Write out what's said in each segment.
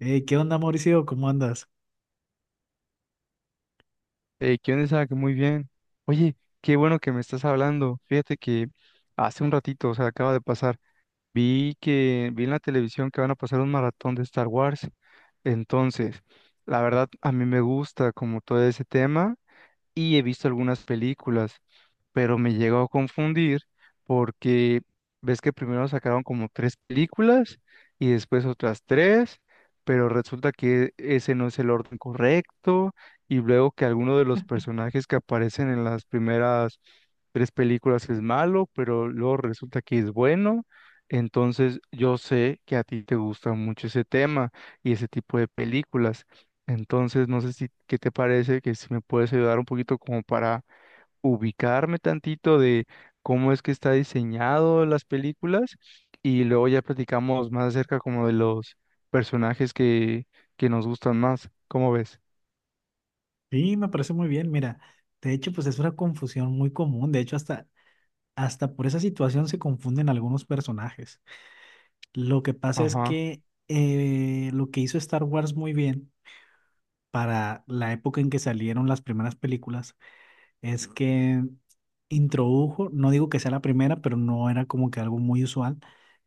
Hey, ¿qué onda, Mauricio? ¿Cómo andas? ¿Qué onda, Isaac? Muy bien. Oye, qué bueno que me estás hablando. Fíjate que hace un ratito, o sea, acaba de pasar, vi en la televisión que van a pasar un maratón de Star Wars. Entonces, la verdad, a mí me gusta como todo ese tema y he visto algunas películas, pero me llegó a confundir porque ves que primero sacaron como tres películas y después otras tres, pero resulta que ese no es el orden correcto y luego que alguno de los personajes que aparecen en las primeras tres películas es malo, pero luego resulta que es bueno. Entonces yo sé que a ti te gusta mucho ese tema y ese tipo de películas. Entonces, no sé si, ¿qué te parece? Que si me puedes ayudar un poquito como para ubicarme tantito de cómo es que está diseñado las películas y luego ya platicamos más acerca como de los personajes que nos gustan más. ¿Cómo ves? Sí, me parece muy bien. Mira, de hecho, pues es una confusión muy común. De hecho, hasta por esa situación se confunden algunos personajes. Lo que pasa es Ajá. que lo que hizo Star Wars muy bien para la época en que salieron las primeras películas es que introdujo, no digo que sea la primera, pero no era como que algo muy usual,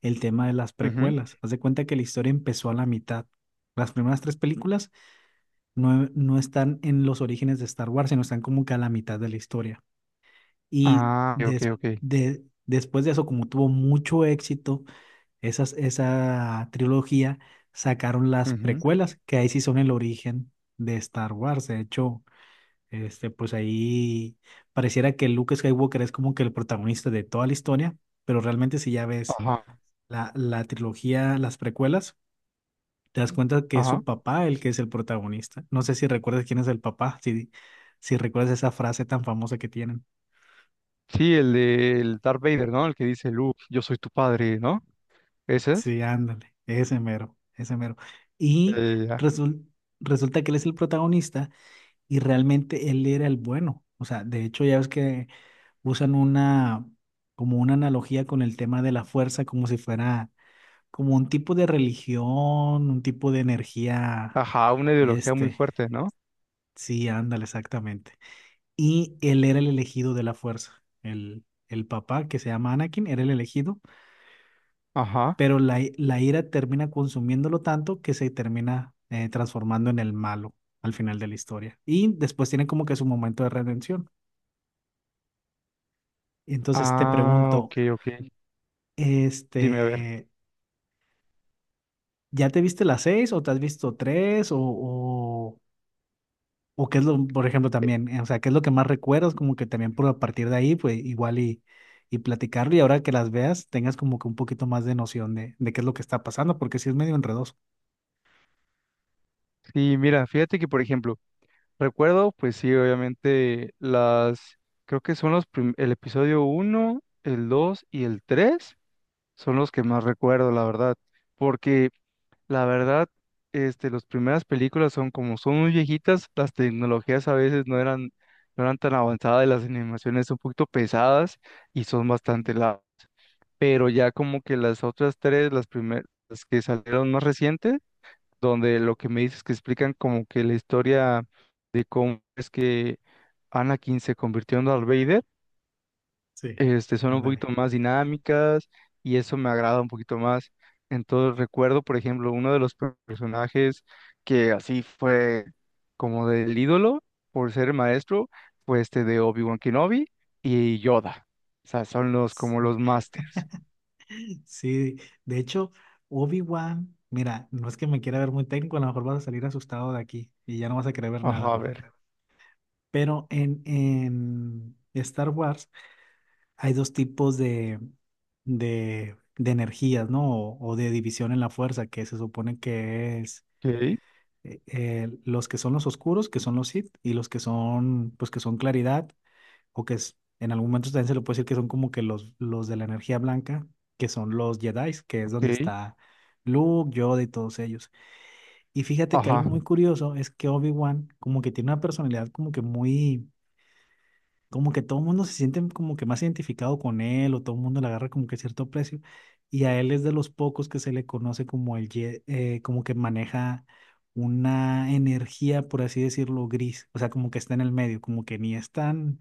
el tema de las Ujú. precuelas. Haz de cuenta que la historia empezó a la mitad. Las primeras tres películas no están en los orígenes de Star Wars, sino están como que a la mitad de la historia. Y Ah, ok, ok. Después de eso, como tuvo mucho éxito esa trilogía, sacaron las Ujú. precuelas, que ahí sí son el origen de Star Wars. De hecho, pues ahí pareciera que Luke Skywalker es como que el protagonista de toda la historia, pero realmente si ya ves Ajá, la trilogía, las precuelas, te das cuenta que es ajá. su papá el que es el protagonista. No sé si recuerdas quién es el papá, si recuerdas esa frase tan famosa que tienen. Sí, el de el Darth Vader, ¿no? El que dice, Luke, yo soy tu padre, ¿no? ¿Ese es? Sí, ándale, ese mero, ese mero. Ya, Y ya, ya. resul- resulta que él es el protagonista y realmente él era el bueno. O sea, de hecho ya ves que usan como una analogía con el tema de la fuerza, como si fuera como un tipo de religión, un tipo de energía. Ajá, una ideología muy este, fuerte, ¿no? sí, ándale, exactamente. Y él era el elegido de la fuerza. El papá, que se llama Anakin, era el elegido, Ajá. pero la ira termina consumiéndolo tanto que se termina transformando en el malo al final de la historia. Y después tiene como que su momento de redención. Entonces te Ah, pregunto, ok, ok. Dime, a ver. este, ¿ya te viste las seis o te has visto tres o, o qué es lo, por ejemplo, Eh, también, o sea, qué es lo que más recuerdas, como que también por a partir de ahí, pues igual y platicarlo y ahora que las veas, tengas como que un poquito más de noción de qué es lo que está pasando, porque sí es medio enredoso? Sí, mira, fíjate que, por ejemplo, recuerdo, pues sí, obviamente, las, creo que son los, el episodio uno el 2 y el 3 son los que más recuerdo, la verdad, porque la verdad, las primeras películas son como son muy viejitas, las tecnologías a veces no eran tan avanzadas y las animaciones son un poquito pesadas y son Sí, bastante largas, pero ya como que las otras tres, las primeras, las que salieron más recientes, donde lo que me dices que explican como que la historia de cómo es que Anakin se convirtió en Darth Vader, sí, son un poquito ándale. más dinámicas y eso me agrada un poquito más. Entonces recuerdo, por ejemplo, uno de los personajes que así fue como del ídolo por ser maestro, fue este de Obi-Wan Kenobi y Yoda. O sea, son los Sí, como los masters. sí, de hecho, Obi-Wan, mira, no es que me quiera ver muy técnico, a lo mejor vas a salir asustado de aquí y ya no vas a querer ver nada, Ajá, a ver. pero en Star Wars hay dos tipos de energías, ¿no? O de división en la fuerza, que se supone que es Ok, los que son los oscuros, que son los Sith, y los que son, pues que son claridad, o que es, en algún momento también se le puede decir que son como que los de la energía blanca, que son los Jedi, que es donde ok. está Luke, Yoda y todos ellos. Y fíjate que Ajá. algo muy curioso es que Obi-Wan como que tiene una personalidad como que muy como que todo el mundo se siente como que más identificado con él o todo el mundo le agarra como que cierto precio y a él es de los pocos que se le conoce como el como que maneja una energía, por así decirlo, gris, o sea, como que está en el medio, como que ni es tan,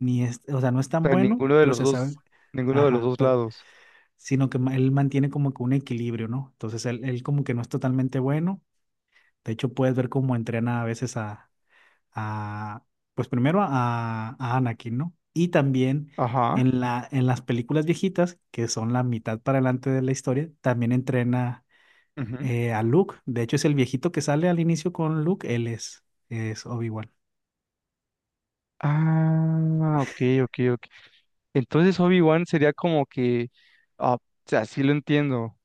ni es, o sea, no es tan Pero bueno, ninguno de pero los se dos, sabe, ninguno de los ajá, dos lados. sino que él mantiene como que un equilibrio, ¿no? Entonces él como que no es totalmente bueno, de hecho puedes ver cómo entrena a veces a, pues primero a Anakin, ¿no? Y también Ajá. En las películas viejitas, que son la mitad para adelante de la historia, también entrena Ujú. A Luke. De hecho, es el viejito que sale al inicio con Luke, él es Obi-Wan. Ah, ok, ok, ok. Entonces Obi-Wan sería como que, ah, o sea, así lo entiendo.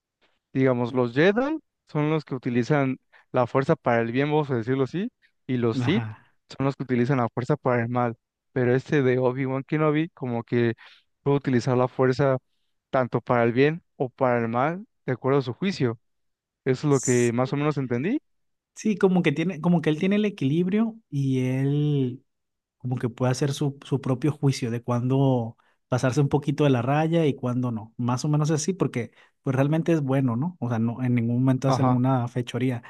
Digamos, los Jedi son los que utilizan la fuerza para el bien, vamos a decirlo así, y los Sith Ajá. son los que utilizan la fuerza para el mal. Pero este de Obi-Wan Kenobi como que puede utilizar la fuerza tanto para el bien o para el mal, de acuerdo a su juicio. Eso es lo que S- más o menos entendí. Sí, como que tiene, como que él tiene el equilibrio y él como que puede hacer su propio juicio de cuándo pasarse un poquito de la raya y cuándo no. Más o menos así, porque pues realmente es bueno, ¿no? O sea, no, en ningún momento hace Ajá. alguna fechoría,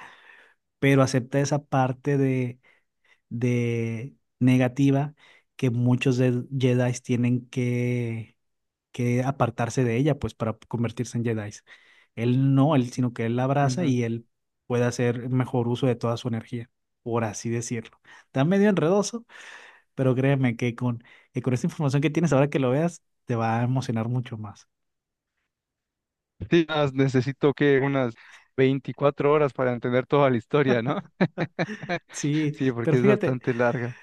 pero acepta esa parte de negativa que muchos de Jedi tienen que apartarse de ella, pues para convertirse en Jedi. Él no, él, sino que él la abraza y él puede hacer mejor uso de toda su energía, por así decirlo. Está medio enredoso, pero créeme que que con esta información que tienes ahora que lo veas, te va a emocionar mucho más. Sí, más necesito que unas 24 horas para entender toda la historia, ¿no? Sí, Sí, pero porque es fíjate, bastante larga.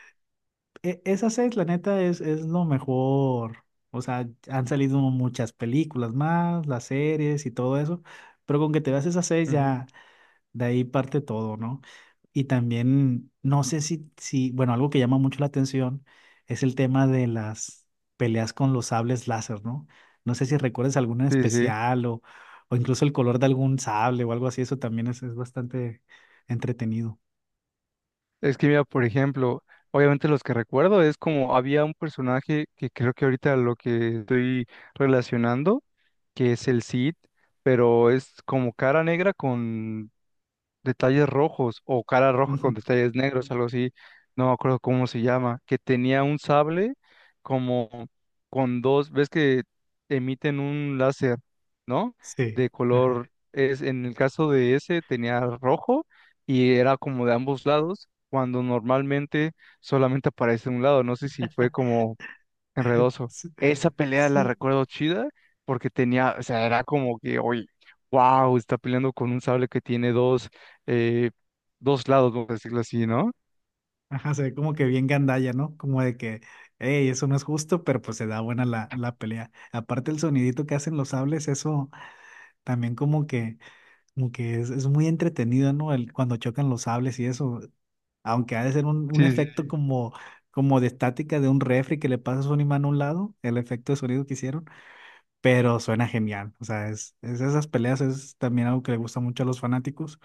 esa seis, la neta, es lo mejor. O sea, han salido muchas películas más, las series y todo eso, pero con que te veas esas seis Ujú. ya. De ahí parte todo, ¿no? Y también, no sé si, bueno, algo que llama mucho la atención es el tema de las peleas con los sables láser, ¿no? No sé si recuerdas alguna en Sí, sí. especial o incluso el color de algún sable o algo así, eso también es bastante entretenido. Es que mira, por ejemplo, obviamente los que recuerdo es como había un personaje que creo que ahorita lo que estoy relacionando, que es el Cid, pero es como cara negra con detalles rojos o cara roja con Ujú. detalles negros, algo así, no me acuerdo cómo se llama, que tenía un sable como con dos, ves que emiten un láser, ¿no? Sí, De ajá. color, es, en el caso de ese tenía rojo y era como de ambos lados, cuando normalmente solamente aparece un lado, no sé si fue como enredoso. Sí, Esa pelea la sí. recuerdo chida porque tenía, o sea, era como que, oye, wow, está peleando con un sable que tiene dos, eh, dos lados, vamos a decirlo así, ¿no? Ajá, se ve como que bien gandalla, ¿no? Como de que, hey, eso no es justo, pero pues se da buena la pelea. Aparte el sonidito que hacen los sables, eso también como que es muy entretenido, ¿no? Cuando chocan los sables y eso, aunque ha de ser un Sí, sí. efecto sí. como de estática de un refri que le pasas un imán a un lado, el efecto de sonido que hicieron, pero suena genial. O sea, es esas peleas es también algo que le gusta mucho a los fanáticos.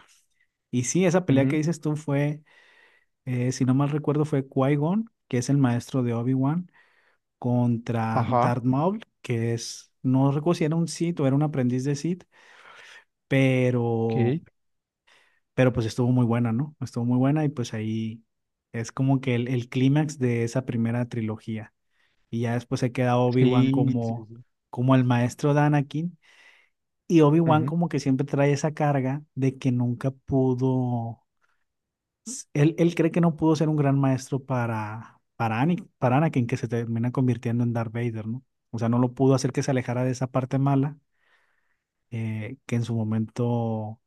Y sí, esa pelea que Ujú. dices tú fue, si no mal recuerdo, fue Qui-Gon, que es el maestro de Obi-Wan, contra Darth Ajá, Maul, que es, no recuerdo si era un Sith o era un aprendiz de Sith, pero ok. Pues estuvo muy buena, ¿no? Estuvo muy buena y pues ahí es como que el clímax de esa primera trilogía. Y ya después se queda Obi-Wan Sí, sí, como, sí. como el maestro de Anakin y Obi-Wan Ujú. como que siempre trae esa carga de que nunca pudo, él cree que no pudo ser un gran maestro para Anakin, que se termina convirtiendo en Darth Vader, ¿no? O sea, no lo pudo hacer que se alejara de esa parte mala que en su momento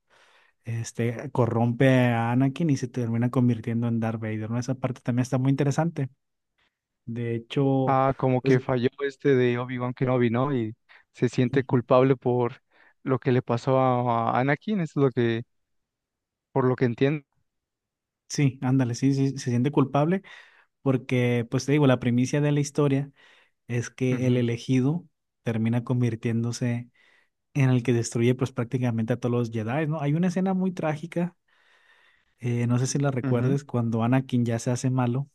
corrompe a Anakin y se termina convirtiendo en Darth Vader, ¿no? Esa parte también está muy interesante. De hecho, Ah, como que pues falló este de Obi-Wan Kenobi, ¿no? Y se siente ujú, culpable por lo que le pasó a Anakin, eso es lo que, por lo que entiendo. sí, ándale, sí, sí, se siente culpable porque, pues te digo, la primicia de la historia es que el Ujú, elegido termina convirtiéndose en el que destruye pues prácticamente a todos los Jedi, ¿no? Hay una escena muy trágica, no sé si la ujú. recuerdes, cuando Anakin ya se hace malo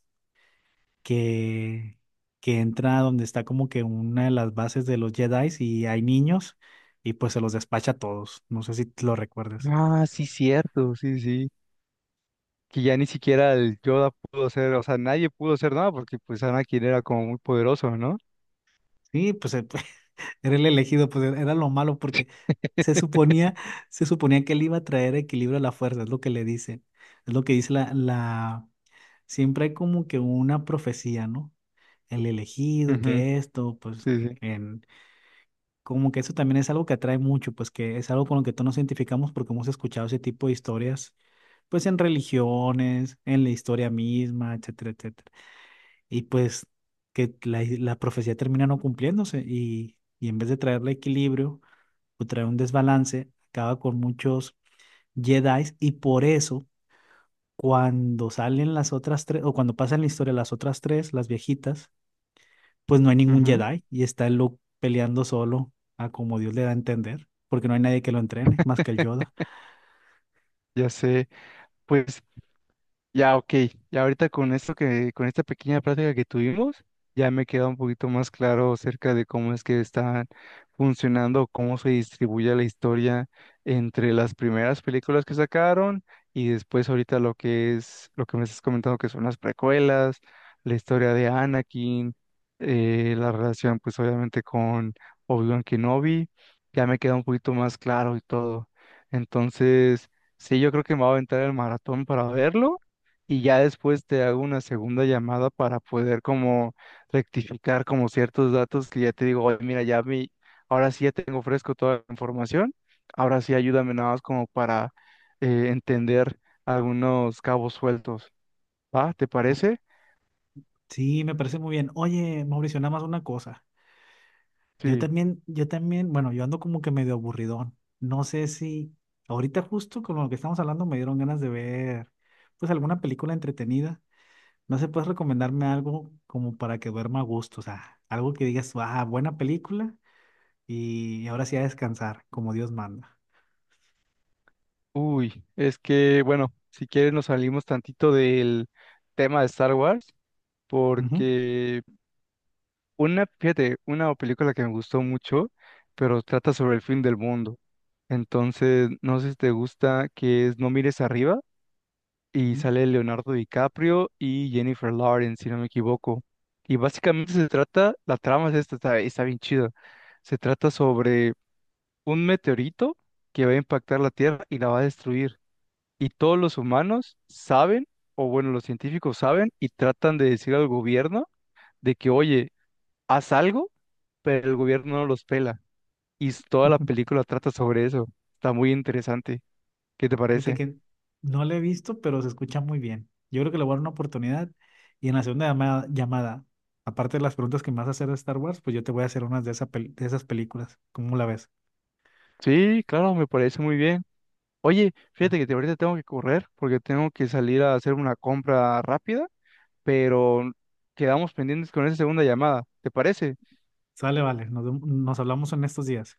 que, que entra donde está como que una de las bases de los Jedi y hay niños y pues se los despacha a todos. No sé si te lo recuerdas. Ah, sí, cierto, sí, sí. Que ya ni siquiera el Yoda pudo hacer, o sea, nadie pudo hacer nada porque pues Anakin era como muy poderoso, ¿no? Sí, pues era el elegido, pues era lo malo porque se suponía, se suponía que él iba a traer equilibrio a la fuerza, es lo que le dicen. Es lo que dice la. Siempre hay como que una profecía, ¿no? El elegido, Ujú. que esto, pues Sí, sí. en... Como que eso también es algo que atrae mucho, pues que es algo con lo que todos nos identificamos porque hemos escuchado ese tipo de historias pues en religiones, en la historia misma, etcétera, etcétera. Y pues que la profecía termina no cumpliéndose y en vez de traerle equilibrio o traer un desbalance, acaba con muchos Jedi y por eso cuando salen las otras tres o cuando pasan la historia las otras tres, las viejitas, pues no hay ningún Ujú. Jedi y está el Luke peleando solo a como Dios le da a entender. Porque no hay nadie que lo entrene, más que el Yoda. Ya sé. Pues ya, ok. Ya ahorita con esto que, con esta pequeña práctica que tuvimos, ya me queda un poquito más claro acerca de cómo es que están funcionando, cómo se distribuye la historia entre las primeras películas que sacaron y después ahorita lo que es, lo que me estás comentando que son las precuelas, la historia de Anakin, la relación pues obviamente con Obi-Wan Kenobi, ya me queda un poquito más claro y todo. Entonces, sí, yo creo que me voy a aventar el maratón para verlo y ya después te hago una segunda llamada para poder como rectificar como ciertos datos que ya te digo, oye, mira, ya mi, ahora sí ya tengo fresco toda la información, ahora sí ayúdame nada más como para entender algunos cabos sueltos, ¿va? ¿Te parece? Sí, me parece muy bien. Oye, Mauricio, nada más una cosa. Sí. Bueno, yo ando como que medio aburridón. No sé si ahorita justo con lo que estamos hablando me dieron ganas de ver pues alguna película entretenida. No sé, puedes recomendarme algo como para que duerma a gusto, o sea, algo que digas, ah, buena película y ahora sí a descansar, como Dios manda. Uy, es que, bueno, si quieres nos salimos tantito del tema de Star Wars, Ujú, porque una, fíjate, una película que me gustó mucho, pero trata sobre el fin del mundo. Entonces, no sé si te gusta, que es No mires arriba y ujú. sale Leonardo DiCaprio y Jennifer Lawrence, si no me equivoco. Y básicamente se trata, la trama es esta, está, está bien chida. Se trata sobre un meteorito que va a impactar la Tierra y la va a destruir. Y todos los humanos saben, o bueno, los científicos saben y tratan de decir al gobierno de que, oye, haz algo pero el gobierno no los pela. Y toda la película trata sobre eso. Está muy interesante. ¿Qué te Fíjate parece? que no lo he visto, pero se escucha muy bien. Yo creo que le voy a dar una oportunidad. Y en la segunda llamada, aparte de las preguntas que me vas a hacer de Star Wars, pues yo te voy a hacer unas de esas películas. ¿Cómo la ves? Sí, claro, me parece muy bien. Oye, ¿No? fíjate que ahorita tengo que correr porque tengo que salir a hacer una compra rápida, pero quedamos pendientes con esa segunda llamada. ¿Te parece? Sale, vale. Nos hablamos en estos días.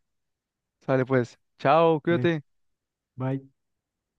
Sale pues. Chao, Vale, cuídate. bye.